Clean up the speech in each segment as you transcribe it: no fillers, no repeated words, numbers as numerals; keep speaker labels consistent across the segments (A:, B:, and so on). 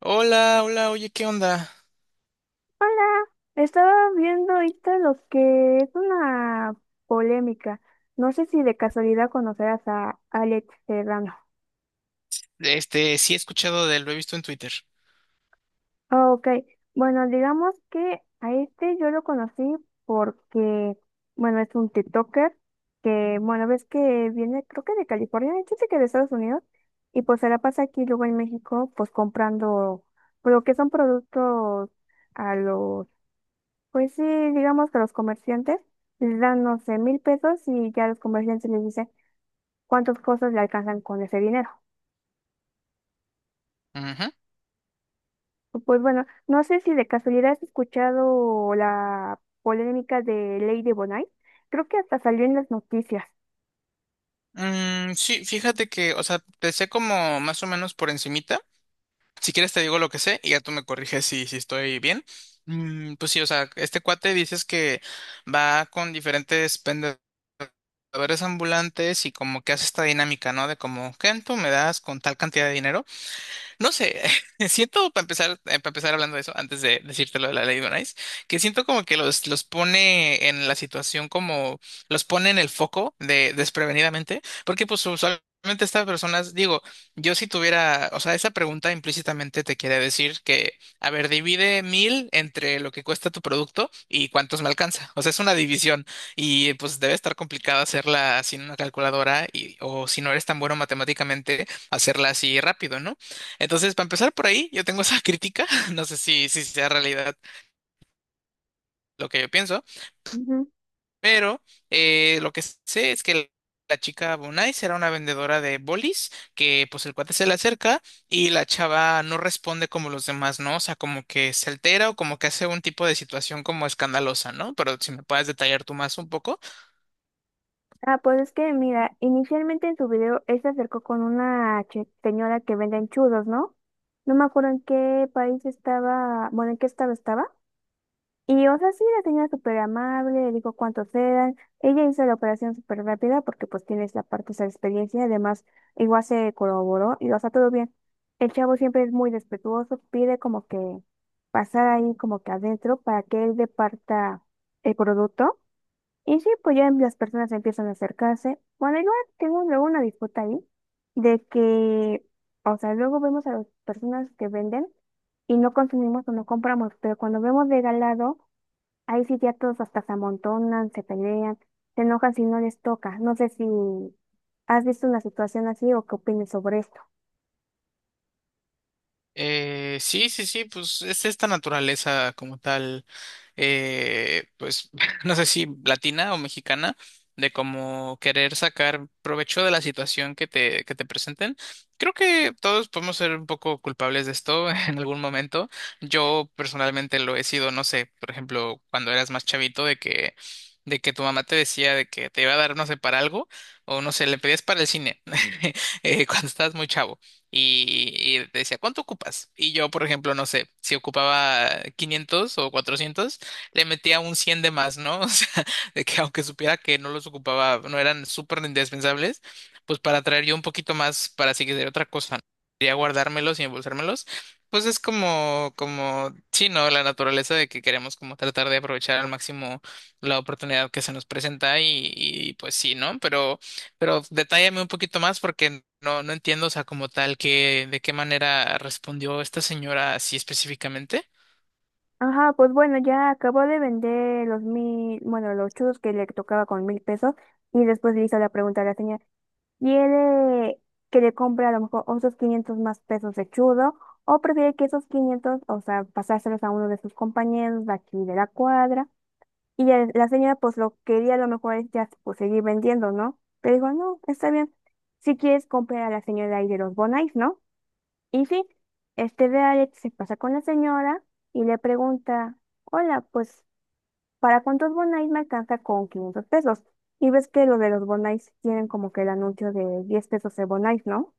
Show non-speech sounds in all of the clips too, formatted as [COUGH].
A: Hola, hola, oye, ¿qué onda?
B: Hola, estaba viendo ahorita lo que es una polémica. No sé si de casualidad conocerás a Alex Serrano.
A: Este, sí he escuchado de él, lo he visto en Twitter.
B: Ah, ok, bueno, digamos que a este yo lo conocí porque, bueno, es un TikToker que, bueno, ves que viene, creo que de California, de hecho sí que de Estados Unidos, y pues se la pasa aquí luego en México, pues comprando, pero que son productos a los. Pues sí, digamos que los comerciantes les dan, no sé, 1000 pesos y ya los comerciantes les dicen cuántas cosas le alcanzan con ese dinero.
A: Ujú.
B: Pues bueno, no sé si de casualidad has escuchado la polémica de ley de Bonai. Creo que hasta salió en las noticias.
A: Mm, sí, fíjate que, o sea, te sé como más o menos por encimita. Si quieres te digo lo que sé y ya tú me corriges si estoy bien. Mm, pues sí, o sea, este cuate dices que va con diferentes vendedores ambulantes y como que hace esta dinámica, ¿no? De como, ¿qué tú me das con tal cantidad de dinero? No sé, [LAUGHS] siento para empezar hablando de eso, antes de decirte lo de la ley de Bonais, que siento como que los pone en la situación los pone en el foco de desprevenidamente, porque pues usualmente estas personas, digo, yo si tuviera, o sea, esa pregunta implícitamente te quiere decir que, a ver, divide 1,000 entre lo que cuesta tu producto y cuántos me alcanza. O sea, es una división y pues debe estar complicado hacerla sin una calculadora y, o si no eres tan bueno matemáticamente, hacerla así rápido, ¿no? Entonces, para empezar por ahí, yo tengo esa crítica, [LAUGHS] no sé si sea realidad lo que yo pienso,
B: Ujú.
A: pero lo que sé es que la chica Bonai será una vendedora de bolis, que pues el cuate se le acerca y la chava no responde como los demás, ¿no? O sea, como que se altera o como que hace un tipo de situación como escandalosa, ¿no? Pero si me puedes detallar tú más un poco.
B: Ah, pues es que mira, inicialmente en su video él se acercó con una señora que vende enchudos, ¿no? No me acuerdo en qué país estaba, bueno, en qué estado estaba. Y, o sea, sí, la señora súper amable, le dijo cuántos eran. Ella hizo la operación súper rápida porque pues tienes la parte, esa experiencia. Además, igual se corroboró y, o sea, todo bien. El chavo siempre es muy respetuoso, pide como que pasar ahí como que adentro para que él departa el producto. Y sí, pues ya las personas empiezan a acercarse. Bueno, igual tengo luego una disputa ahí de que, o sea, luego vemos a las personas que venden y no consumimos o no compramos, pero cuando vemos regalado, ahí sí ya todos hasta se amontonan, se pelean, se enojan si no les toca. No sé si has visto una situación así o qué opinas sobre esto.
A: Sí, sí, sí, pues es esta naturaleza como tal pues [LAUGHS] no sé si latina o mexicana, de como querer sacar provecho de la situación que te presenten. Creo que todos podemos ser un poco culpables de esto [LAUGHS] en algún momento. Yo personalmente lo he sido, no sé, por ejemplo, cuando eras más chavito, de que tu mamá te decía de que te iba a dar, no sé, para algo, o no sé, le pedías para el cine, [LAUGHS] cuando estabas muy chavo y, te decía, ¿cuánto ocupas? Y yo, por ejemplo, no sé, si ocupaba 500 o 400 le metía un 100 de más, ¿no? [LAUGHS] O sea, de que aunque supiera que no los ocupaba, no eran súper indispensables, pues para traer yo un poquito más para si quisiera otra cosa, ¿no? Quería guardármelos y embolsármelos. Pues es como, sí, ¿no? La naturaleza de que queremos como tratar de aprovechar al máximo la oportunidad que se nos presenta y, pues sí, ¿no? Pero detállame un poquito más porque no, no entiendo, o sea, como tal, que, de qué manera respondió esta señora así específicamente.
B: Ajá, pues bueno, ya acabó de vender los 1000, bueno, los churros que le tocaba con 1000 pesos y después le hizo la pregunta a la señora, ¿quiere que le compre a lo mejor otros 500 más pesos de churro o prefiere que esos 500, o sea, pasárselos a uno de sus compañeros de aquí de la cuadra? Y ya la señora pues lo quería a lo mejor es ya pues seguir vendiendo, ¿no? Pero dijo, no, está bien. Si quieres comprar a la señora ahí de los Bonais, ¿no? Y sí, este de Alex se pasa con la señora y le pregunta, hola, pues, ¿para cuántos Bonais me alcanza con 500 pesos? Y ves que los de los Bonais tienen como que el anuncio de 10 pesos de Bonais, ¿no?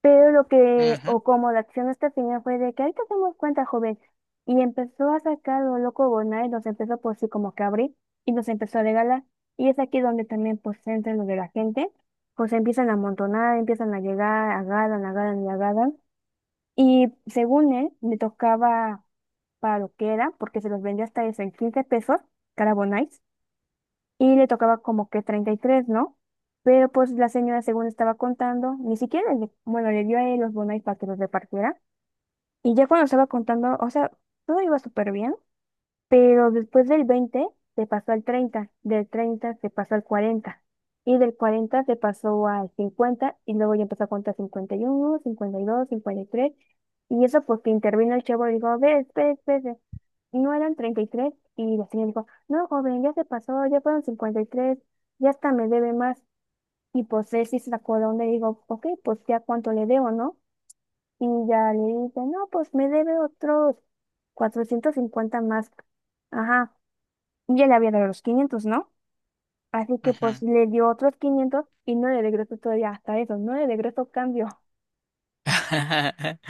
B: Pero lo que,
A: Ujú,
B: o como la acción hasta el final fue de que ahorita hacemos cuenta, joven. Y empezó a sacar lo loco Bonai, y los empezó por sí como que a abrir y nos empezó a regalar. Y es aquí donde también pues entra lo de la gente, pues empiezan a amontonar, empiezan a llegar, agarran, agarran y agarran. Y según él, me tocaba para lo que era, porque se los vendía hasta eso en 15 pesos cada Bonai y le tocaba como que 33, ¿no? Pero pues la señora, según estaba contando, ni siquiera, le, bueno, le dio a él los bonos para que los repartiera. Y ya cuando estaba contando, o sea, todo iba súper bien, pero después del 20 se pasó al 30, del 30 se pasó al 40 y del 40 se pasó al 50 y luego ya empezó a contar 51, 52, cincuenta y tres, y eso porque intervino el chavo y dijo, a ver, espere, espere, no eran 33 y la señora dijo, no, joven, ya se pasó, ya fueron 53, ya hasta me debe más. Y pues él sí se acordó y digo, ok, pues ya cuánto le debo, ¿no? Y ya le dice, no, pues me debe otros 450 más. Ajá, ya le había dado los 500, ¿no? Así que
A: ujú.
B: pues le dio otros 500 y no le regresó todavía, hasta eso no le regresó cambio.
A: [LAUGHS]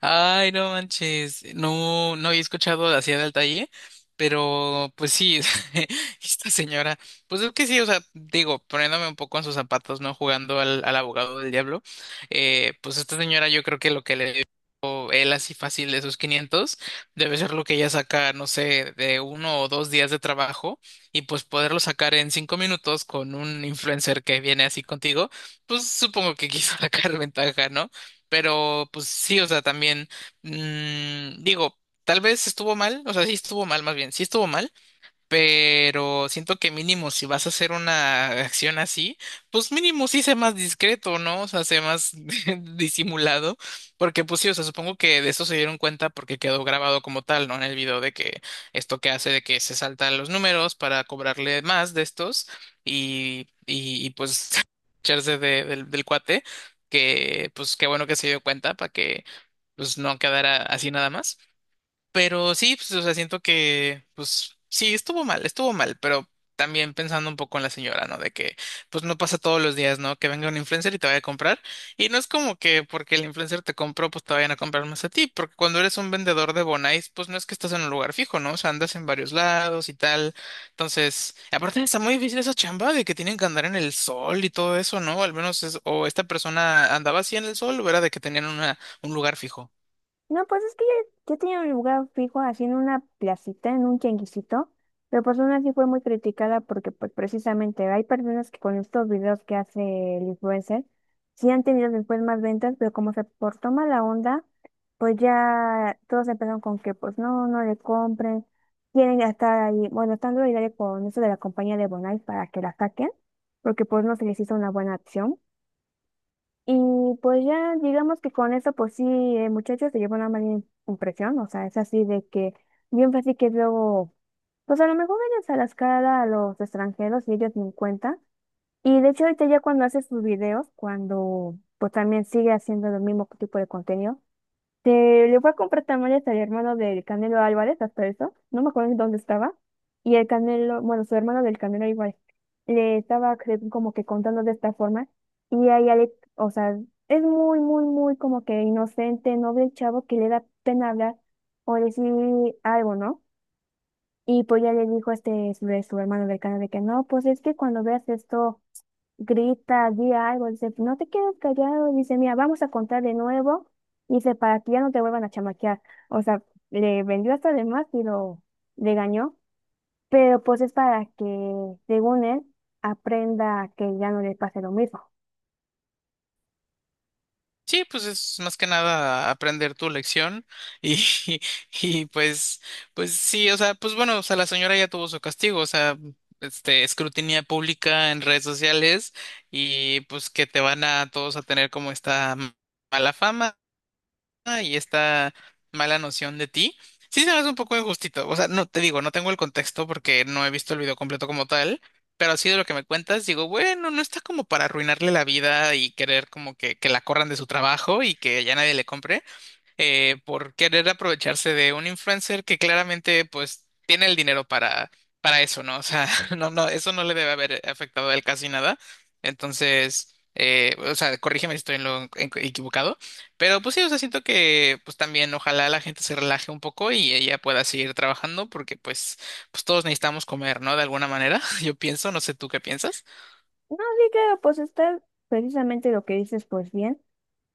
A: Ay, no manches, no, no había escuchado así del talle, pero pues sí, [LAUGHS] esta señora, pues es que sí, o sea, digo, poniéndome un poco en sus zapatos, ¿no? Jugando al abogado del diablo, Pues esta señora yo creo que lo que le dio él así fácil de sus 500 debe ser lo que ella saca, no sé, de uno o dos días de trabajo y pues poderlo sacar en 5 minutos con un influencer que viene así contigo, pues supongo que quiso [LAUGHS] sacar ventaja, ¿no? Pero pues sí, o sea, también digo, tal vez estuvo mal, o sea, sí estuvo mal más bien, sí estuvo mal. Pero siento que mínimo si vas a hacer una acción así, pues mínimo sí sé más discreto, ¿no? O sea, sé más [LAUGHS] disimulado, porque pues sí, o sea, supongo que de eso se dieron cuenta porque quedó grabado como tal, ¿no? En el video de que esto que hace de que se saltan los números para cobrarle más de estos y pues [LAUGHS] echarse del cuate, que pues qué bueno que se dio cuenta para que pues no quedara así nada más. Pero sí, pues, o sea, siento que, pues sí, estuvo mal, pero también pensando un poco en la señora, ¿no? De que, pues no pasa todos los días, ¿no? Que venga un influencer y te vaya a comprar. Y no es como que porque el influencer te compró, pues te vayan a comprar más a ti, porque cuando eres un vendedor de Bonais, pues no es que estás en un lugar fijo, ¿no? O sea, andas en varios lados y tal. Entonces, aparte está muy difícil esa chamba de que tienen que andar en el sol y todo eso, ¿no? Al menos es, o esta persona andaba así en el sol o era de que tenían un lugar fijo.
B: No, pues es que yo tenía un lugar fijo así en una placita, en un tianguisito, pero pues aún así fue muy criticada porque pues precisamente hay personas que con estos videos que hace el influencer sí han tenido después más ventas, pero como se portó mala onda, pues ya todos empezaron con que pues no, no le compren, quieren estar ahí, bueno, están duro con eso de la compañía de Bonai para que la saquen, porque pues no se les hizo una buena acción. Y pues ya digamos que con eso, pues sí, el muchacho se llevó una mala impresión, o sea, es así de que bien fácil que luego, pues a lo mejor ellos a las cara a los extranjeros y ellos ni en cuenta. Y de hecho ahorita ya cuando hace sus videos, cuando pues también sigue haciendo el mismo tipo de contenido, te le fue a comprar tamales al hermano del Canelo Álvarez, hasta eso, no me acuerdo en dónde estaba, y el Canelo, bueno, su hermano del Canelo Álvarez, le estaba como que contando de esta forma, y ahí Alex, o sea, es muy, muy, muy como que inocente, noble el chavo que le da pena hablar o decir algo, ¿no? Y pues ya le dijo este, su hermano del Canelo de que no, pues es que cuando veas esto grita, di algo, dice, no te quedes callado, dice, mira, vamos a contar de nuevo, dice, para que ya no te vuelvan a chamaquear. O sea, le vendió hasta de más y lo regañó, pero pues es para que, según él, aprenda que ya no le pase lo mismo.
A: Sí, pues es más que nada aprender tu lección y, [LAUGHS] y pues sí, o sea, pues bueno, o sea, la señora ya tuvo su castigo, o sea, escrutinía pública en redes sociales y pues que te van a todos a tener como esta mala fama. Ah, y esta mala noción de ti, sí se me hace un poco injustito. O sea, no te digo, no tengo el contexto porque no he visto el video completo como tal, pero así de lo que me cuentas, digo, bueno, no está como para arruinarle la vida y querer como que la corran de su trabajo y que ya nadie le compre por querer aprovecharse de un influencer que claramente pues tiene el dinero para, eso, ¿no? O sea, [LAUGHS] no, no, eso no le debe haber afectado a él casi nada. Entonces, o sea, corrígeme si estoy en lo equivocado, pero pues sí, o sea, siento que pues también ojalá la gente se relaje un poco y ella pueda seguir trabajando porque pues todos necesitamos comer, ¿no? De alguna manera, [LAUGHS] yo pienso, no sé tú qué piensas.
B: No, sí, claro, pues está precisamente lo que dices, pues bien.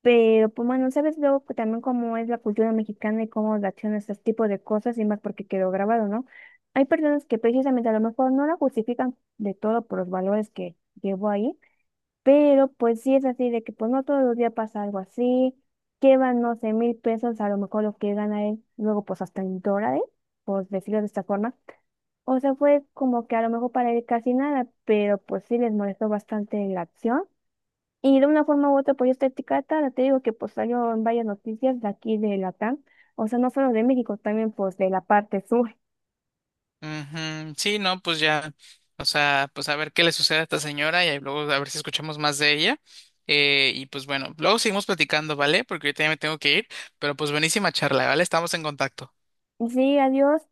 B: Pero, pues bueno, sabes luego que también cómo es la cultura mexicana y cómo reacciona a este tipo de cosas y más porque quedó grabado, ¿no? Hay personas que precisamente a lo mejor no la justifican de todo por los valores que llevó ahí, pero pues sí es así de que pues no todos los días pasa algo así, llevan, no sé, 1000 pesos, a lo mejor lo que gana él, luego pues hasta en dólares, por decirlo de esta forma. O sea, fue como que a lo mejor para él casi nada, pero pues sí les molestó bastante la acción. Y de una forma u otra, pues esta etiqueta, te digo que pues salió en varias noticias de aquí de Latam, o sea, no solo de México, también pues de la parte sur.
A: Ujú, sí, no, pues ya, o sea, pues a ver qué le sucede a esta señora y ahí luego a ver si escuchamos más de ella. Y pues bueno, luego seguimos platicando, ¿vale? Porque ahorita ya me tengo que ir, pero pues buenísima charla, ¿vale? Estamos en contacto.
B: Sí, adiós.